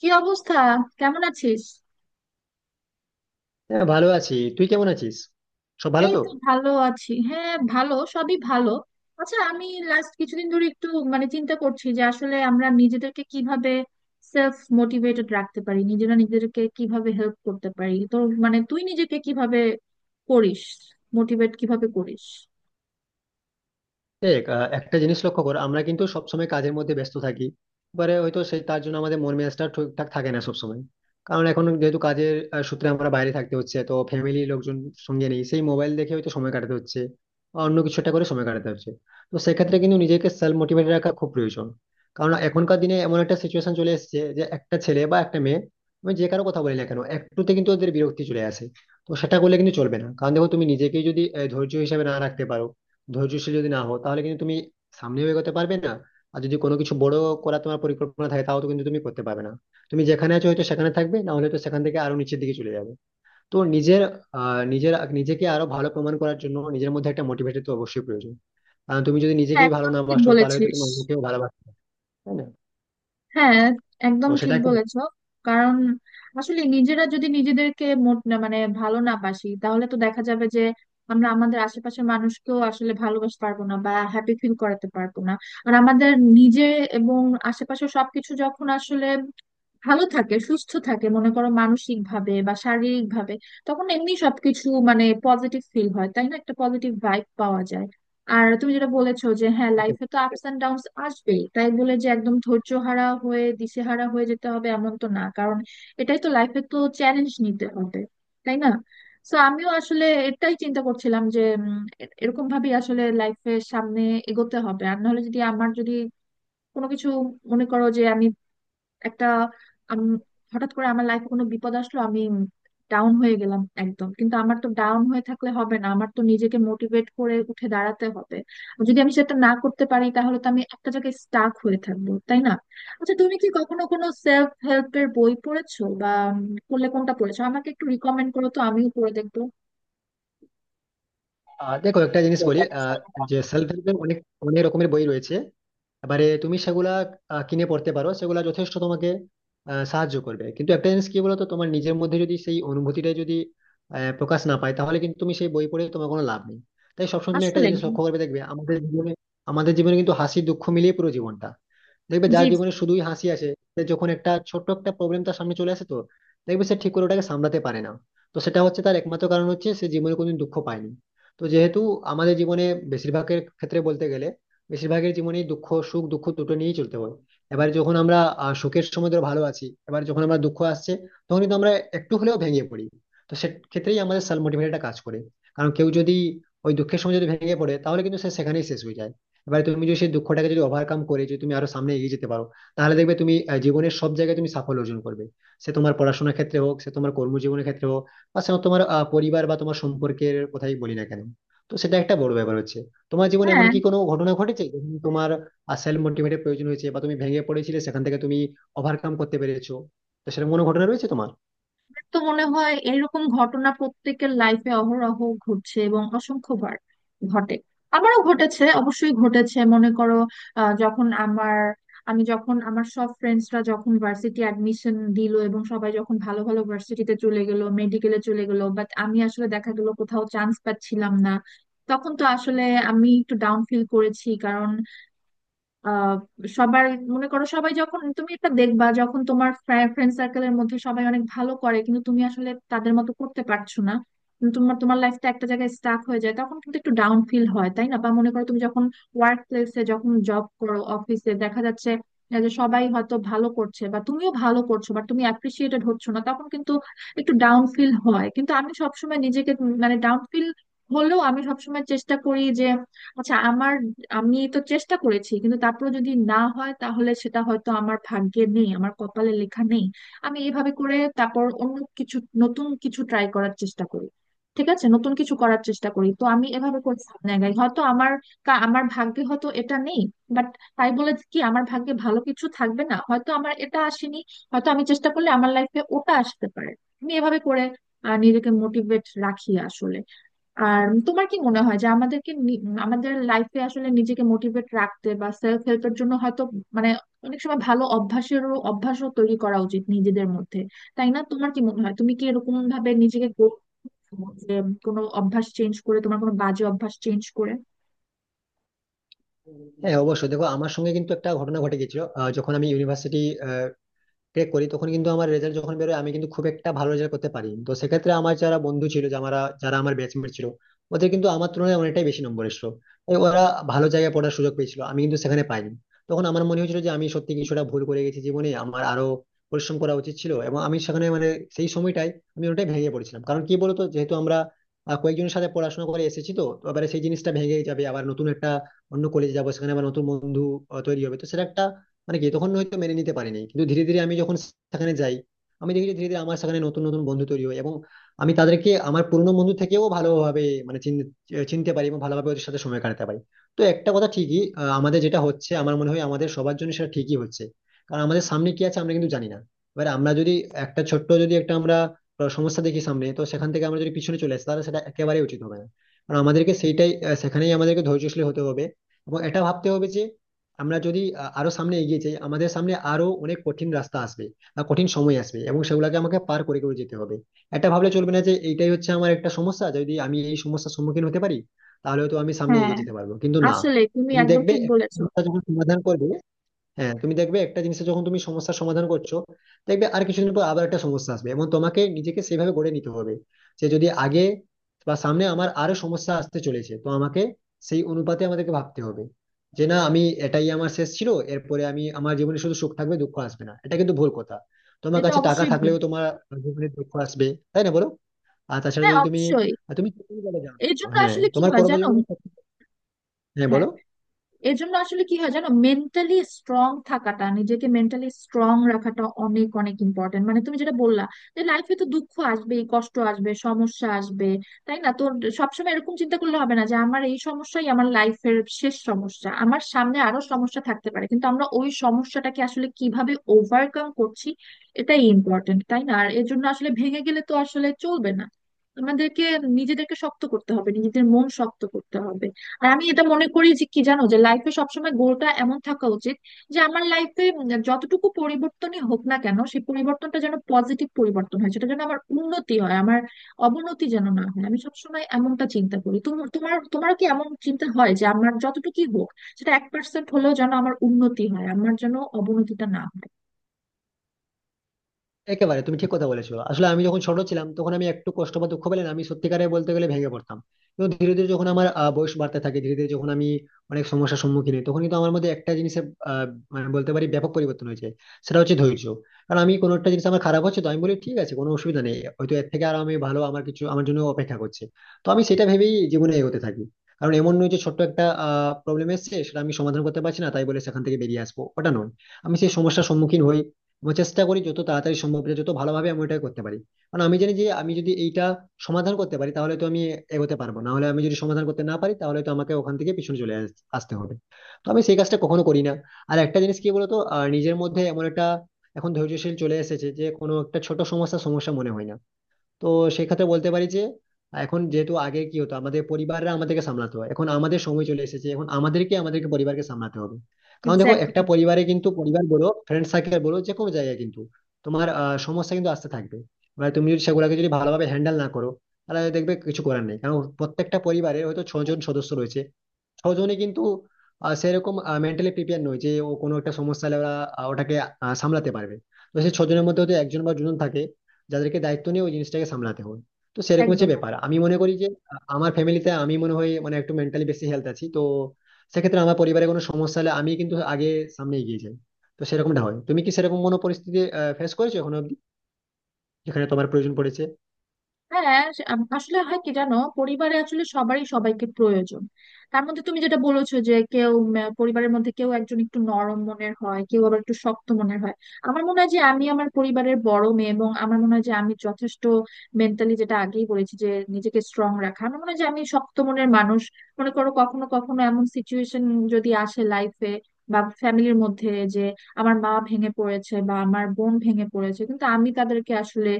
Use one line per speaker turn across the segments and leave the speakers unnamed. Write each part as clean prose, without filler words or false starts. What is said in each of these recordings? কি অবস্থা? কেমন আছিস?
হ্যাঁ ভালো আছি, তুই কেমন আছিস? সব ভালো
এই
তো?
তো ভালো আছি, হ্যাঁ ভালো, সবই ভালো। আচ্ছা আমি লাস্ট কিছুদিন ধরে একটু মানে চিন্তা করছি যে আসলে আমরা নিজেদেরকে কিভাবে সেলফ মোটিভেটেড রাখতে পারি, নিজেরা নিজেদেরকে কিভাবে হেল্প করতে পারি। তো মানে তুই নিজেকে কিভাবে করিস, মোটিভেট কিভাবে করিস?
দেখ, একটা জিনিস লক্ষ্য কর। আমরা কিন্তু সবসময় কাজের মধ্যে ব্যস্ত থাকি। এবারে হয়তো সেই তার জন্য আমাদের মন মেজাজটা ঠিকঠাক থাকে না সবসময়। কারণ এখন যেহেতু কাজের সূত্রে আমরা বাইরে থাকতে হচ্ছে, তো ফ্যামিলি লোকজন সঙ্গে নেই, সেই মোবাইল দেখে হয়তো সময় কাটাতে হচ্ছে বা অন্য কিছু একটা করে সময় কাটাতে হচ্ছে। তো সেক্ষেত্রে কিন্তু নিজেকে সেলফ মোটিভেটেড রাখা খুব প্রয়োজন। কারণ এখনকার দিনে এমন একটা সিচুয়েশন চলে এসেছে যে একটা ছেলে বা একটা মেয়ে, আমি যে কারো কথা বলি না কেন, একটুতে কিন্তু ওদের বিরক্তি চলে আসে। তো সেটা করলে কিন্তু চলবে না। কারণ দেখো, তুমি নিজেকেই যদি ধৈর্য হিসাবে না রাখতে পারো, ধৈর্যশীল যদি না হো তাহলে কিন্তু তুমি সামনেও এগোতে পারবে না। আর যদি কোনো কিছু বড় করা তোমার পরিকল্পনা থাকে, তাও তো কিন্তু তুমি করতে পারবে না। তুমি যেখানে আছো হয়তো সেখানে থাকবে, না হলে তো সেখান থেকে আরো নিচের দিকে চলে যাবে। তো নিজের আহ নিজের নিজেকে আরো ভালো প্রমাণ করার জন্য নিজের মধ্যে একটা মোটিভেটেড তো অবশ্যই প্রয়োজন। কারণ তুমি যদি
হ্যাঁ,
নিজেকেই ভালো
একদম
না
ঠিক
বাসো, তাহলে হয়তো
বলেছিস।
তুমি অন্যকেও ভালোবাসবে না, তাই না?
হ্যাঁ,
তো
একদম
সেটা
ঠিক
একটা-
বলেছো। কারণ আসলে নিজেরা যদি নিজেদেরকে মোট না মানে ভালো না বাসি তাহলে তো দেখা যাবে যে আমরা আমাদের আশেপাশের মানুষকেও আসলে ভালোবাসতে পারবো না বা হ্যাপি ফিল করাতে পারবো না। আর আমাদের নিজে এবং আশেপাশে সবকিছু যখন আসলে ভালো থাকে, সুস্থ থাকে, মনে করো মানসিক ভাবে বা শারীরিক ভাবে, তখন এমনি সবকিছু মানে পজিটিভ ফিল হয়, তাই না? একটা পজিটিভ ভাইব পাওয়া যায়। আর তুমি যেটা বলেছো যে হ্যাঁ লাইফে তো আপস এন্ড ডাউনস আসবেই, তাই বলে যে একদম ধৈর্যহারা হয়ে দিশেহারা হয়ে যেতে হবে এমন তো না, কারণ এটাই তো লাইফে, তো চ্যালেঞ্জ নিতে হবে, তাই না? তো আমিও আসলে এটাই চিন্তা করছিলাম যে এরকম ভাবেই আসলে লাইফের সামনে এগোতে হবে। আর নাহলে যদি আমার যদি কোনো কিছু, মনে করো যে আমি একটা উম, হঠাৎ করে আমার লাইফে কোনো বিপদ আসলো, আমি ডাউন হয়ে গেলাম একদম, কিন্তু আমার তো ডাউন হয়ে থাকলে হবে না, আমার তো নিজেকে মোটিভেট করে উঠে দাঁড়াতে হবে। যদি আমি সেটা না করতে পারি তাহলে তো আমি একটা জায়গায় স্টাক হয়ে থাকবো, তাই না? আচ্ছা তুমি কি কখনো কোনো সেলফ হেল্পের বই পড়েছো? বা পড়লে কোনটা পড়েছো আমাকে একটু রিকমেন্ড করো, তো আমিও পড়ে দেখবো।
আর দেখো, একটা জিনিস বলি, যে সেলফ হেল্পের অনেক অনেক রকমের বই রয়েছে। এবারে তুমি সেগুলা কিনে পড়তে পারো, সেগুলা যথেষ্ট তোমাকে সাহায্য করবে। কিন্তু একটা জিনিস কি বলতো, তোমার নিজের মধ্যে যদি সেই অনুভূতিটা যদি প্রকাশ না পায়, তাহলে কিন্তু তুমি সেই বই পড়ে তোমার কোনো লাভ নেই। তাই সবসময় তুমি একটা
আসলে
জিনিস লক্ষ্য করবে, দেখবে আমাদের জীবনে, আমাদের জীবনে কিন্তু হাসি দুঃখ মিলিয়ে পুরো জীবনটা। দেখবে
জি
যার
জি।
জীবনে শুধুই হাসি আসে, সে যখন একটা ছোট্ট একটা প্রবলেম তার সামনে চলে আসে, তো দেখবে সে ঠিক করে ওটাকে সামলাতে পারে না। তো সেটা হচ্ছে তার একমাত্র কারণ হচ্ছে সে জীবনে কোনোদিন দুঃখ পায়নি। তো যেহেতু আমাদের জীবনে বেশিরভাগের ক্ষেত্রে বলতে গেলে, বেশিরভাগের জীবনেই দুঃখ সুখ দুঃখ দুটো নিয়েই চলতে হয়। এবার যখন আমরা সুখের সময় ধরো ভালো আছি, এবার যখন আমরা দুঃখ আসছে, তখন কিন্তু আমরা একটু হলেও ভেঙে পড়ি। তো সে ক্ষেত্রেই আমাদের সেলফ মোটিভেটরটা কাজ করে। কারণ কেউ যদি ওই দুঃখের সময় যদি ভেঙে পড়ে, তাহলে কিন্তু সে সেখানেই শেষ হয়ে যায়। এবারে তুমি যদি সেই দুঃখটাকে যদি ওভারকাম করে যদি তুমি আরো সামনে এগিয়ে যেতে পারো, তাহলে দেখবে তুমি জীবনের সব জায়গায় তুমি সাফল্য অর্জন করবে। সে তোমার পড়াশোনার ক্ষেত্রে হোক, সে তোমার কর্মজীবনের ক্ষেত্রে হোক, বা সে তোমার পরিবার বা তোমার সম্পর্কের কথাই বলি না কেন। তো সেটা একটা বড় ব্যাপার হচ্ছে। তোমার জীবনে এমন
হ্যাঁ,
কি কোনো ঘটনা ঘটেছে যখন তোমার সেলফ মোটিভেটের প্রয়োজন হয়েছে বা তুমি ভেঙে পড়েছিলে, সেখান থেকে তুমি ওভারকাম করতে পেরেছো? তো সেরকম কোনো ঘটনা রয়েছে তোমার?
তো মনে হয় এরকম ঘটনা প্রত্যেকের লাইফে অহরহ ঘটছে এবং অসংখ্যবার ঘটে। আমারও ঘটেছে, অবশ্যই ঘটেছে। মনে করো যখন আমার, আমি যখন আমার সব ফ্রেন্ডসরা যখন ভার্সিটি অ্যাডমিশন দিল এবং সবাই যখন ভালো ভালো ভার্সিটিতে চলে গেল, মেডিকেলে চলে গেল, বাট আমি আসলে দেখা গেল কোথাও চান্স পাচ্ছিলাম না। তখন তো আসলে আমি একটু ডাউন ফিল করেছি, কারণ আহ সবার, মনে করো সবাই যখন, তুমি এটা দেখবা, যখন তোমার ফ্রেন্ড সার্কেলের মধ্যে সবাই অনেক ভালো করে কিন্তু তুমি আসলে তাদের মতো করতে পারছো না, কিন্তু তোমার তোমার লাইফটা একটা জায়গায় স্টাক হয়ে যায়, তখন কিন্তু একটু ডাউন ফিল হয়, তাই না? বা মনে করো তুমি যখন ওয়ার্ক প্লেসে যখন জব করো, অফিসে দেখা যাচ্ছে যে সবাই হয়তো ভালো করছে বা তুমিও ভালো করছো বা তুমি অ্যাপ্রিসিয়েটেড হচ্ছ না, তখন কিন্তু একটু ডাউন ফিল হয়। কিন্তু আমি সবসময় নিজেকে, মানে ডাউন ফিল হলেও আমি সবসময় চেষ্টা করি যে আচ্ছা আমার, আমি তো চেষ্টা করেছি, কিন্তু তারপরে যদি না হয় তাহলে সেটা হয়তো আমার ভাগ্যে নেই, আমার কপালে লেখা নেই। আমি এইভাবে করে তারপর অন্য কিছু, নতুন কিছু ট্রাই করার চেষ্টা করি। ঠিক আছে, নতুন কিছু করার চেষ্টা করি, তো আমি এভাবে করে সামনে আগাই। হয়তো আমার আমার ভাগ্যে হয়তো এটা নেই, বাট তাই বলে কি আমার ভাগ্যে ভালো কিছু থাকবে না? হয়তো আমার এটা আসেনি, হয়তো আমি চেষ্টা করলে আমার লাইফে ওটা আসতে পারে। আমি এভাবে করে নিজেকে মোটিভেট রাখি আসলে। আর তোমার কি মনে হয় যে আমাদেরকে আমাদের লাইফে আসলে নিজেকে মোটিভেট রাখতে বা সেলফ হেল্পের জন্য হয়তো মানে অনেক সময় ভালো অভ্যাসও তৈরি করা উচিত নিজেদের মধ্যে, তাই না? তোমার কি মনে হয় তুমি কি এরকম ভাবে নিজেকে গড়ে তোলো যে কোনো অভ্যাস চেঞ্জ করে, তোমার কোনো বাজে অভ্যাস চেঞ্জ করে?
হ্যাঁ অবশ্যই, দেখো আমার সঙ্গে কিন্তু একটা ঘটনা ঘটে গেছিল, যখন আমি ইউনিভার্সিটি ক্র্যাক করি, তখন কিন্তু আমার রেজাল্ট যখন বেরোয়, আমি কিন্তু খুব একটা ভালো রেজাল্ট করতে পারি। তো সেক্ষেত্রে আমার যারা বন্ধু ছিল, যারা যারা আমার ব্যাচমেট ছিল, ওদের কিন্তু আমার তুলনায় অনেকটাই বেশি নম্বর এসেছিল। তাই ওরা ভালো জায়গায় পড়ার সুযোগ পেয়েছিল, আমি কিন্তু সেখানে পাইনি। তখন আমার মনে হয়েছিল যে আমি সত্যি কিছুটা ভুল করে গেছি, জীবনে আমার আরো পরিশ্রম করা উচিত ছিল। এবং আমি সেখানে মানে, সেই সময়টাই আমি ওটাই ভেঙে পড়েছিলাম। কারণ কি বলতো, যেহেতু আমরা কয়েকজনের সাথে পড়াশোনা করে এসেছি, তো তো এবারে সেই জিনিসটা ভেঙে যাবে, আবার নতুন একটা অন্য কলেজে যাবো, সেখানে আবার নতুন বন্ধু তৈরি হবে। তো সেটা একটা মানে কি তখন হয়তো মেনে নিতে পারিনি, কিন্তু ধীরে ধীরে আমি যখন সেখানে যাই, আমি দেখি যে ধীরে ধীরে আমার সেখানে নতুন নতুন বন্ধু তৈরি হয় এবং আমি তাদেরকে আমার পুরনো বন্ধু থেকেও ভালোভাবে মানে চিনতে পারি এবং ভালোভাবে ওদের সাথে সময় কাটাতে পারি। তো একটা কথা ঠিকই, আমাদের যেটা হচ্ছে, আমার মনে হয় আমাদের সবার জন্য সেটা ঠিকই হচ্ছে। কারণ আমাদের সামনে কি আছে আমরা কিন্তু জানি না। এবার আমরা যদি একটা ছোট্ট যদি একটা আমরা সমস্যা দেখি সামনে, তো সেখান থেকে আমরা যদি পিছনে চলে আসি, তাহলে সেটা একেবারেই উচিত হবে না। কারণ আমাদেরকে সেইটাই সেখানেই আমাদেরকে ধৈর্যশীল হতে হবে এবং এটা ভাবতে হবে যে আমরা যদি আরো সামনে এগিয়ে যাই, আমাদের সামনে আরো অনেক কঠিন রাস্তা আসবে বা কঠিন সময় আসবে এবং সেগুলোকে আমাকে পার করে করে যেতে হবে। এটা ভাবলে চলবে না যে এইটাই হচ্ছে আমার একটা সমস্যা, যদি আমি এই সমস্যার সম্মুখীন হতে পারি তাহলে তো আমি সামনে
হ্যাঁ,
এগিয়ে যেতে পারবো, কিন্তু না।
আসলে তুমি
তুমি
একদম
দেখবে
ঠিক
একটা
বলেছো।
সমস্যা যখন সমাধান করবে, হ্যাঁ তুমি দেখবে একটা জিনিসে যখন তুমি সমস্যার সমাধান করছো, দেখবে আর কিছুদিন পর আবার একটা সমস্যা আসবে এবং তোমাকে নিজেকে সেভাবে গড়ে নিতে হবে যে যদি আগে বা সামনে আমার আরো সমস্যা আসতে চলেছে, তো আমাকে সেই অনুপাতে আমাদেরকে ভাবতে হবে যে না, আমি এটাই আমার শেষ ছিল, এরপরে আমি আমার জীবনে শুধু সুখ থাকবে দুঃখ আসবে না, এটা কিন্তু ভুল কথা। তোমার
এটা
কাছে টাকা
অবশ্যই ঠিক।
থাকলেও তোমার জীবনে দুঃখ আসবে, তাই না বলো? আর তাছাড়া
হ্যাঁ,
যদি তুমি
অবশ্যই।
আর তুমি চাকরি করে যাও,
এই জন্য
হ্যাঁ
আসলে কি
তোমার
হয়
করবার
জানো,
জন্য, হ্যাঁ
হ্যাঁ,
বলো।
এর জন্য আসলে কি হয় জানো, মেন্টালি স্ট্রং থাকাটা, নিজেকে মেন্টালি স্ট্রং রাখাটা অনেক অনেক ইম্পর্টেন্ট। মানে তুমি যেটা বললা যে লাইফে তো দুঃখ আসবেই, কষ্ট আসবে, সমস্যা আসবে, তাই না? সবসময় এরকম চিন্তা করলে হবে না যে আমার এই সমস্যাই আমার লাইফের শেষ সমস্যা। আমার সামনে আরো সমস্যা থাকতে পারে, কিন্তু আমরা ওই সমস্যাটাকে আসলে কিভাবে ওভারকাম করছি, এটাই ইম্পর্টেন্ট, তাই না? আর এর জন্য আসলে ভেঙে গেলে তো আসলে চলবে না, আমাদেরকে নিজেদেরকে শক্ত করতে হবে, নিজেদের মন শক্ত করতে হবে। আর আমি এটা মনে করি যে কি জানো, যে লাইফে সবসময় গোলটা এমন থাকা উচিত যে আমার লাইফে যতটুকু পরিবর্তনই হোক না কেন, সেই পরিবর্তনটা যেন পজিটিভ পরিবর্তন হয়, সেটা যেন আমার উন্নতি হয়, আমার অবনতি যেন না হয়। আমি সবসময় এমনটা চিন্তা করি। তোমার তোমার তোমারও কি এমন চিন্তা হয় যে আমার যতটুকুই হোক, সেটা এক পার্সেন্ট হলেও যেন আমার উন্নতি হয়, আমার যেন অবনতিটা না হয়?
একেবারে তুমি ঠিক কথা বলেছো। আসলে আমি যখন ছোট ছিলাম, তখন আমি একটু কষ্ট বা দুঃখ পেলে না, আমি সত্যিকারে বলতে গেলে ভেঙে পড়তাম। কিন্তু ধীরে ধীরে যখন আমার বয়স বাড়তে থাকে, ধীরে ধীরে যখন আমি অনেক সমস্যার সম্মুখীন হই, তখন কিন্তু আমার মধ্যে একটা জিনিসের আহ, মানে বলতে পারি ব্যাপক পরিবর্তন হয়েছে। সেটা হচ্ছে ধৈর্য। কারণ আমি কোনো একটা জিনিস আমার খারাপ হচ্ছে, তো আমি বলি ঠিক আছে কোনো অসুবিধা নেই, হয়তো এর থেকে আর আমি ভালো আমার কিছু আমার জন্য অপেক্ষা করছে। তো আমি সেটা ভেবেই জীবনে এগোতে থাকি। কারণ এমন নয় যে ছোট্ট একটা প্রবলেম এসেছে সেটা আমি সমাধান করতে পারছি না তাই বলে সেখান থেকে বেরিয়ে আসবো, ওটা নয়। আমি সেই সমস্যার সম্মুখীন হই, আমি চেষ্টা করি যত তাড়াতাড়ি সম্ভব এটা যত ভালোভাবে আমি ওটা করতে পারি। কারণ আমি জানি যে আমি যদি এইটা সমাধান করতে পারি, তাহলে তো আমি এগোতে পারবো, না হলে আমি যদি সমাধান করতে না পারি, তাহলে তো আমাকে ওখান থেকে পিছনে চলে আসতে হবে। তো আমি সেই কাজটা কখনো করি না। আর একটা জিনিস কি বলতো, নিজের মধ্যে এমন একটা এখন ধৈর্যশীল চলে এসেছে যে কোনো একটা ছোট সমস্যা সমস্যা মনে হয় না। তো সেক্ষেত্রে বলতে পারি যে এখন যেহেতু, আগে কি হতো আমাদের পরিবাররা আমাদেরকে সামলাতে হয়, এখন আমাদের সময় চলে এসেছে, এখন আমাদেরকে আমাদেরকে পরিবারকে সামলাতে হবে। কারণ দেখো,
এক্স্যাক্টলি।
একটা পরিবারে কিন্তু পরিবার বলো ফ্রেন্ড সার্কেল বলো, যে কোনো জায়গায় কিন্তু তোমার সমস্যা কিন্তু আসতে থাকবে। এবার তুমি যদি সেগুলোকে যদি ভালোভাবে হ্যান্ডেল না করো, তাহলে দেখবে কিছু করার নেই। কারণ প্রত্যেকটা পরিবারে হয়তো ছজন সদস্য রয়েছে, ছজনই কিন্তু সেরকম মেন্টালি প্রিপেয়ার নয় যে ও কোনো একটা সমস্যা হলে ওরা ওটাকে সামলাতে পারবে। তো সেই ছজনের মধ্যে হয়তো একজন বা দুজন থাকে যাদেরকে দায়িত্ব নিয়ে ওই জিনিসটাকে সামলাতে হয়। তো সেরকম হচ্ছে
একদম।
ব্যাপার, আমি মনে করি যে আমার ফ্যামিলিতে আমি মনে হয় মানে একটু মেন্টালি বেশি হেলথ আছি, তো সেক্ষেত্রে আমার পরিবারে কোনো সমস্যা হলে আমি কিন্তু আগে সামনে এগিয়ে যাই। তো সেরকমটা হয়, তুমি কি সেরকম কোনো পরিস্থিতি ফেস করেছো এখনো অব্দি যেখানে তোমার প্রয়োজন পড়েছে?
হ্যাঁ আসলে হয় কি জানো, পরিবারে আসলে সবারই সবাইকে প্রয়োজন। তার মধ্যে তুমি যেটা বলেছো যে কেউ পরিবারের মধ্যে কেউ একজন একটু নরম মনের হয়, কেউ আবার একটু শক্ত মনের হয়। আমার মনে হয় যে আমি আমার পরিবারের বড় মেয়ে, এবং আমার মনে হয় যে আমি যথেষ্ট মেন্টালি, যেটা আগেই বলেছি যে নিজেকে স্ট্রং রাখা, আমার মনে হয় যে আমি শক্ত মনের মানুষ। মনে করো কখনো কখনো এমন সিচুয়েশন যদি আসে লাইফে বা ফ্যামিলির মধ্যে যে আমার মা ভেঙে পড়েছে বা আমার বোন ভেঙে পড়েছে, কিন্তু আমি তাদেরকে আসলে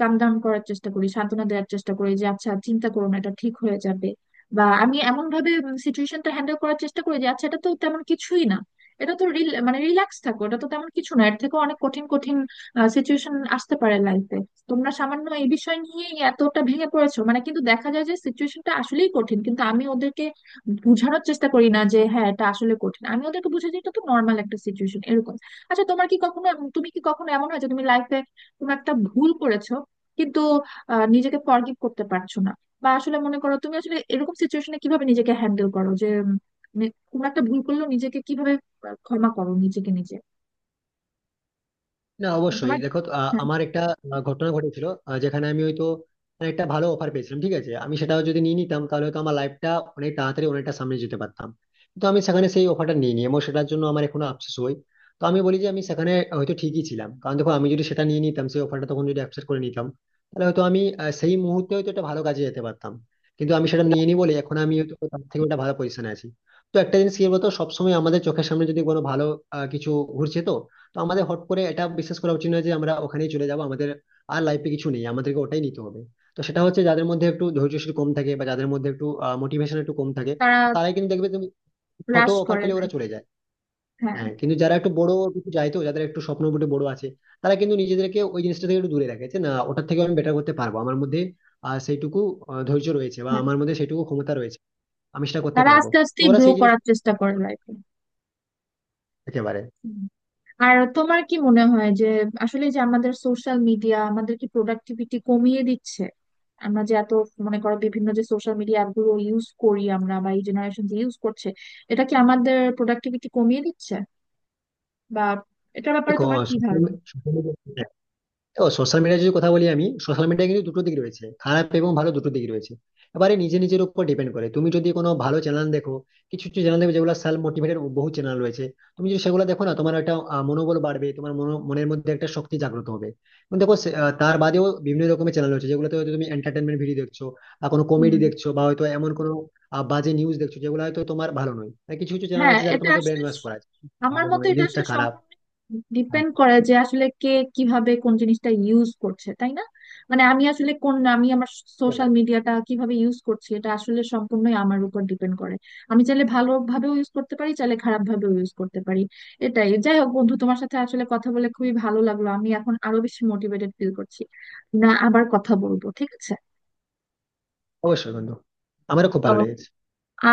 কাম ডাউন করার চেষ্টা করি, সান্ত্বনা দেওয়ার চেষ্টা করি যে আচ্ছা চিন্তা করো না, এটা ঠিক হয়ে যাবে। বা আমি এমন ভাবে সিচুয়েশনটা হ্যান্ডেল করার চেষ্টা করি যে আচ্ছা এটা তো তেমন কিছুই না, এটা তো রিল্যাক্স থাকো, এটা তো তেমন কিছু না, এর থেকে অনেক কঠিন কঠিন সিচুয়েশন আসতে পারে লাইফে, তোমরা সামান্য এই বিষয় নিয়ে এতটা ভেঙে পড়েছো। মানে কিন্তু দেখা যায় যে সিচুয়েশনটা আসলেই কঠিন, কিন্তু আমি ওদেরকে বুঝানোর চেষ্টা করি না যে হ্যাঁ এটা আসলে কঠিন, আমি ওদেরকে বুঝাই যে এটা তো নর্মাল একটা সিচুয়েশন, এরকম। আচ্ছা তোমার কি কখনো, তুমি কি কখনো এমন হয় যে তুমি লাইফে কোনো একটা ভুল করেছো কিন্তু নিজেকে ফরগিভ করতে পারছো না? বা আসলে মনে করো তুমি আসলে এরকম সিচুয়েশনে কিভাবে নিজেকে হ্যান্ডেল করো যে উম, মানে কোনো একটা ভুল করলেও নিজেকে কিভাবে ক্ষমা করো, নিজেকে নিজে?
না
মানে
অবশ্যই,
তোমার,
দেখো তো,
হ্যাঁ,
আমার একটা ঘটনা ঘটেছিল, যেখানে আমি হয়তো মানে একটা ভালো অফার পেয়েছিলাম। ঠিক আছে, আমি সেটাও যদি নিয়ে নিতাম, তাহলে হয়তো আমার লাইফটা অনেক তাড়াতাড়ি অনেকটা সামনে যেতে পারতাম। কিন্তু আমি সেখানে সেই অফারটা নিয়ে নিই এবং সেটার জন্য আমার এখনো আফসোস হয়। তো আমি বলি যে আমি সেখানে হয়তো ঠিকই ছিলাম। কারণ দেখো, আমি যদি সেটা নিয়ে নিতাম, সেই অফারটা তখন যদি অ্যাকসেপ্ট করে নিতাম, তাহলে হয়তো আমি সেই মুহূর্তে হয়তো একটা ভালো কাজে যেতে পারতাম। কিন্তু আমি সেটা নিয়ে নিই বলে এখন আমি হয়তো তার থেকে একটা ভালো পজিশনে আছি। তো একটা জিনিস কি বলতো, সবসময় আমাদের চোখের সামনে যদি কোনো ভালো কিছু ঘুরছে, তো তো আমাদের হট করে এটা বিশ্বাস করা উচিত নয় যে আমরা ওখানেই চলে যাব, আমাদের আর লাইফে কিছু নেই আমাদেরকে ওটাই নিতে হবে। তো সেটা হচ্ছে, যাদের মধ্যে একটু ধৈর্যশীল কম থাকে বা যাদের মধ্যে একটু মোটিভেশন একটু কম থাকে,
তারা
তারাই কিন্তু দেখবে তুমি ছোট
রাশ
অফার
করে
পেলে ওরা
লাইফ।
চলে যায়।
হ্যাঁ।
হ্যাঁ, কিন্তু যারা একটু বড় কিছু যায়, তো যাদের একটু স্বপ্ন মোটে বড় আছে, তারা কিন্তু নিজেদেরকে ওই জিনিসটা থেকে একটু দূরে রাখে যে না, ওটার থেকে আমি বেটার করতে পারবো, আমার মধ্যে সেইটুকু ধৈর্য রয়েছে বা
হ্যাঁ,
আমার মধ্যে সেইটুকু ক্ষমতা রয়েছে, আমি সেটা করতে
তারা
পারবো।
আস্তে আস্তে
তো ওরা
গ্রো
সেই জিনিস
করার চেষ্টা করে লাইফে।
একেবারে।
আর তোমার কি মনে হয় যে আসলে যে আমাদের সোশ্যাল মিডিয়া আমাদের কি প্রোডাক্টিভিটি কমিয়ে দিচ্ছে? আমরা যে এত মনে করো বিভিন্ন যে সোশ্যাল মিডিয়া অ্যাপগুলো ইউজ করি আমরা, বা এই জেনারেশন যে ইউজ করছে, এটা কি আমাদের প্রোডাক্টিভিটি কমিয়ে দিচ্ছে, বা এটার ব্যাপারে
দেখো,
তোমার কি
social
ধারণা?
media- ও সোশ্যাল মিডিয়া যদি কথা বলি, আমি সোশ্যাল মিডিয়া কিন্তু দুটো দিক রয়েছে, খারাপ এবং ভালো দুটো দিক রয়েছে। এবারে নিজে নিজের উপর ডিপেন্ড করে, তুমি যদি কোনো ভালো চ্যানেল দেখো, কিছু কিছু চ্যানেল দেখবে যেগুলো সেলফ মোটিভেটেড বহু চ্যানেল রয়েছে। তুমি যদি সেগুলো দেখো না, তোমার একটা মনোবল বাড়বে, তোমার মনের মধ্যে একটা শক্তি জাগ্রত হবে। কিন্তু দেখো তার বাদেও বিভিন্ন রকমের চ্যানেল রয়েছে যেগুলোতে হয়তো তুমি এন্টারটেনমেন্ট ভিডিও দেখছো বা কোনো কমেডি দেখছো বা হয়তো এমন কোনো বাজে নিউজ দেখছো যেগুলো হয়তো তোমার ভালো নয়। আর কিছু কিছু চ্যানেল
হ্যাঁ,
আছে যারা
এটা
তোমাকে
আসলে
ব্রেন ওয়াশ করাচ্ছে,
আমার
ভালো
মতে
নয়
এটা
জিনিসটা,
আসলে
খারাপ।
সম্পূর্ণ
হ্যাঁ,
ডিপেন্ড করে যে আসলে কে কিভাবে কোন জিনিসটা ইউজ করছে, তাই না? মানে আমি আসলে কোন আমি আমার
হতে
সোশ্যাল
পারে।
মিডিয়াটা কিভাবে ইউজ করছি, এটা আসলে সম্পূর্ণই আমার উপর ডিপেন্ড করে। আমি চাইলে ভালোভাবেও ইউজ করতে পারি, চাইলে খারাপ ভাবেও ইউজ করতে পারি। এটাই। যাই হোক বন্ধু, তোমার সাথে আসলে কথা বলে খুবই ভালো লাগলো, আমি এখন আরো বেশি মোটিভেটেড ফিল করছি। না, আবার কথা বলবো, ঠিক আছে?
অবশ্যই বন্ধু, আমারও খুব
ও,
ভালো লেগেছে।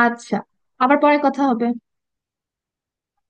আচ্ছা, আবার পরে কথা হবে।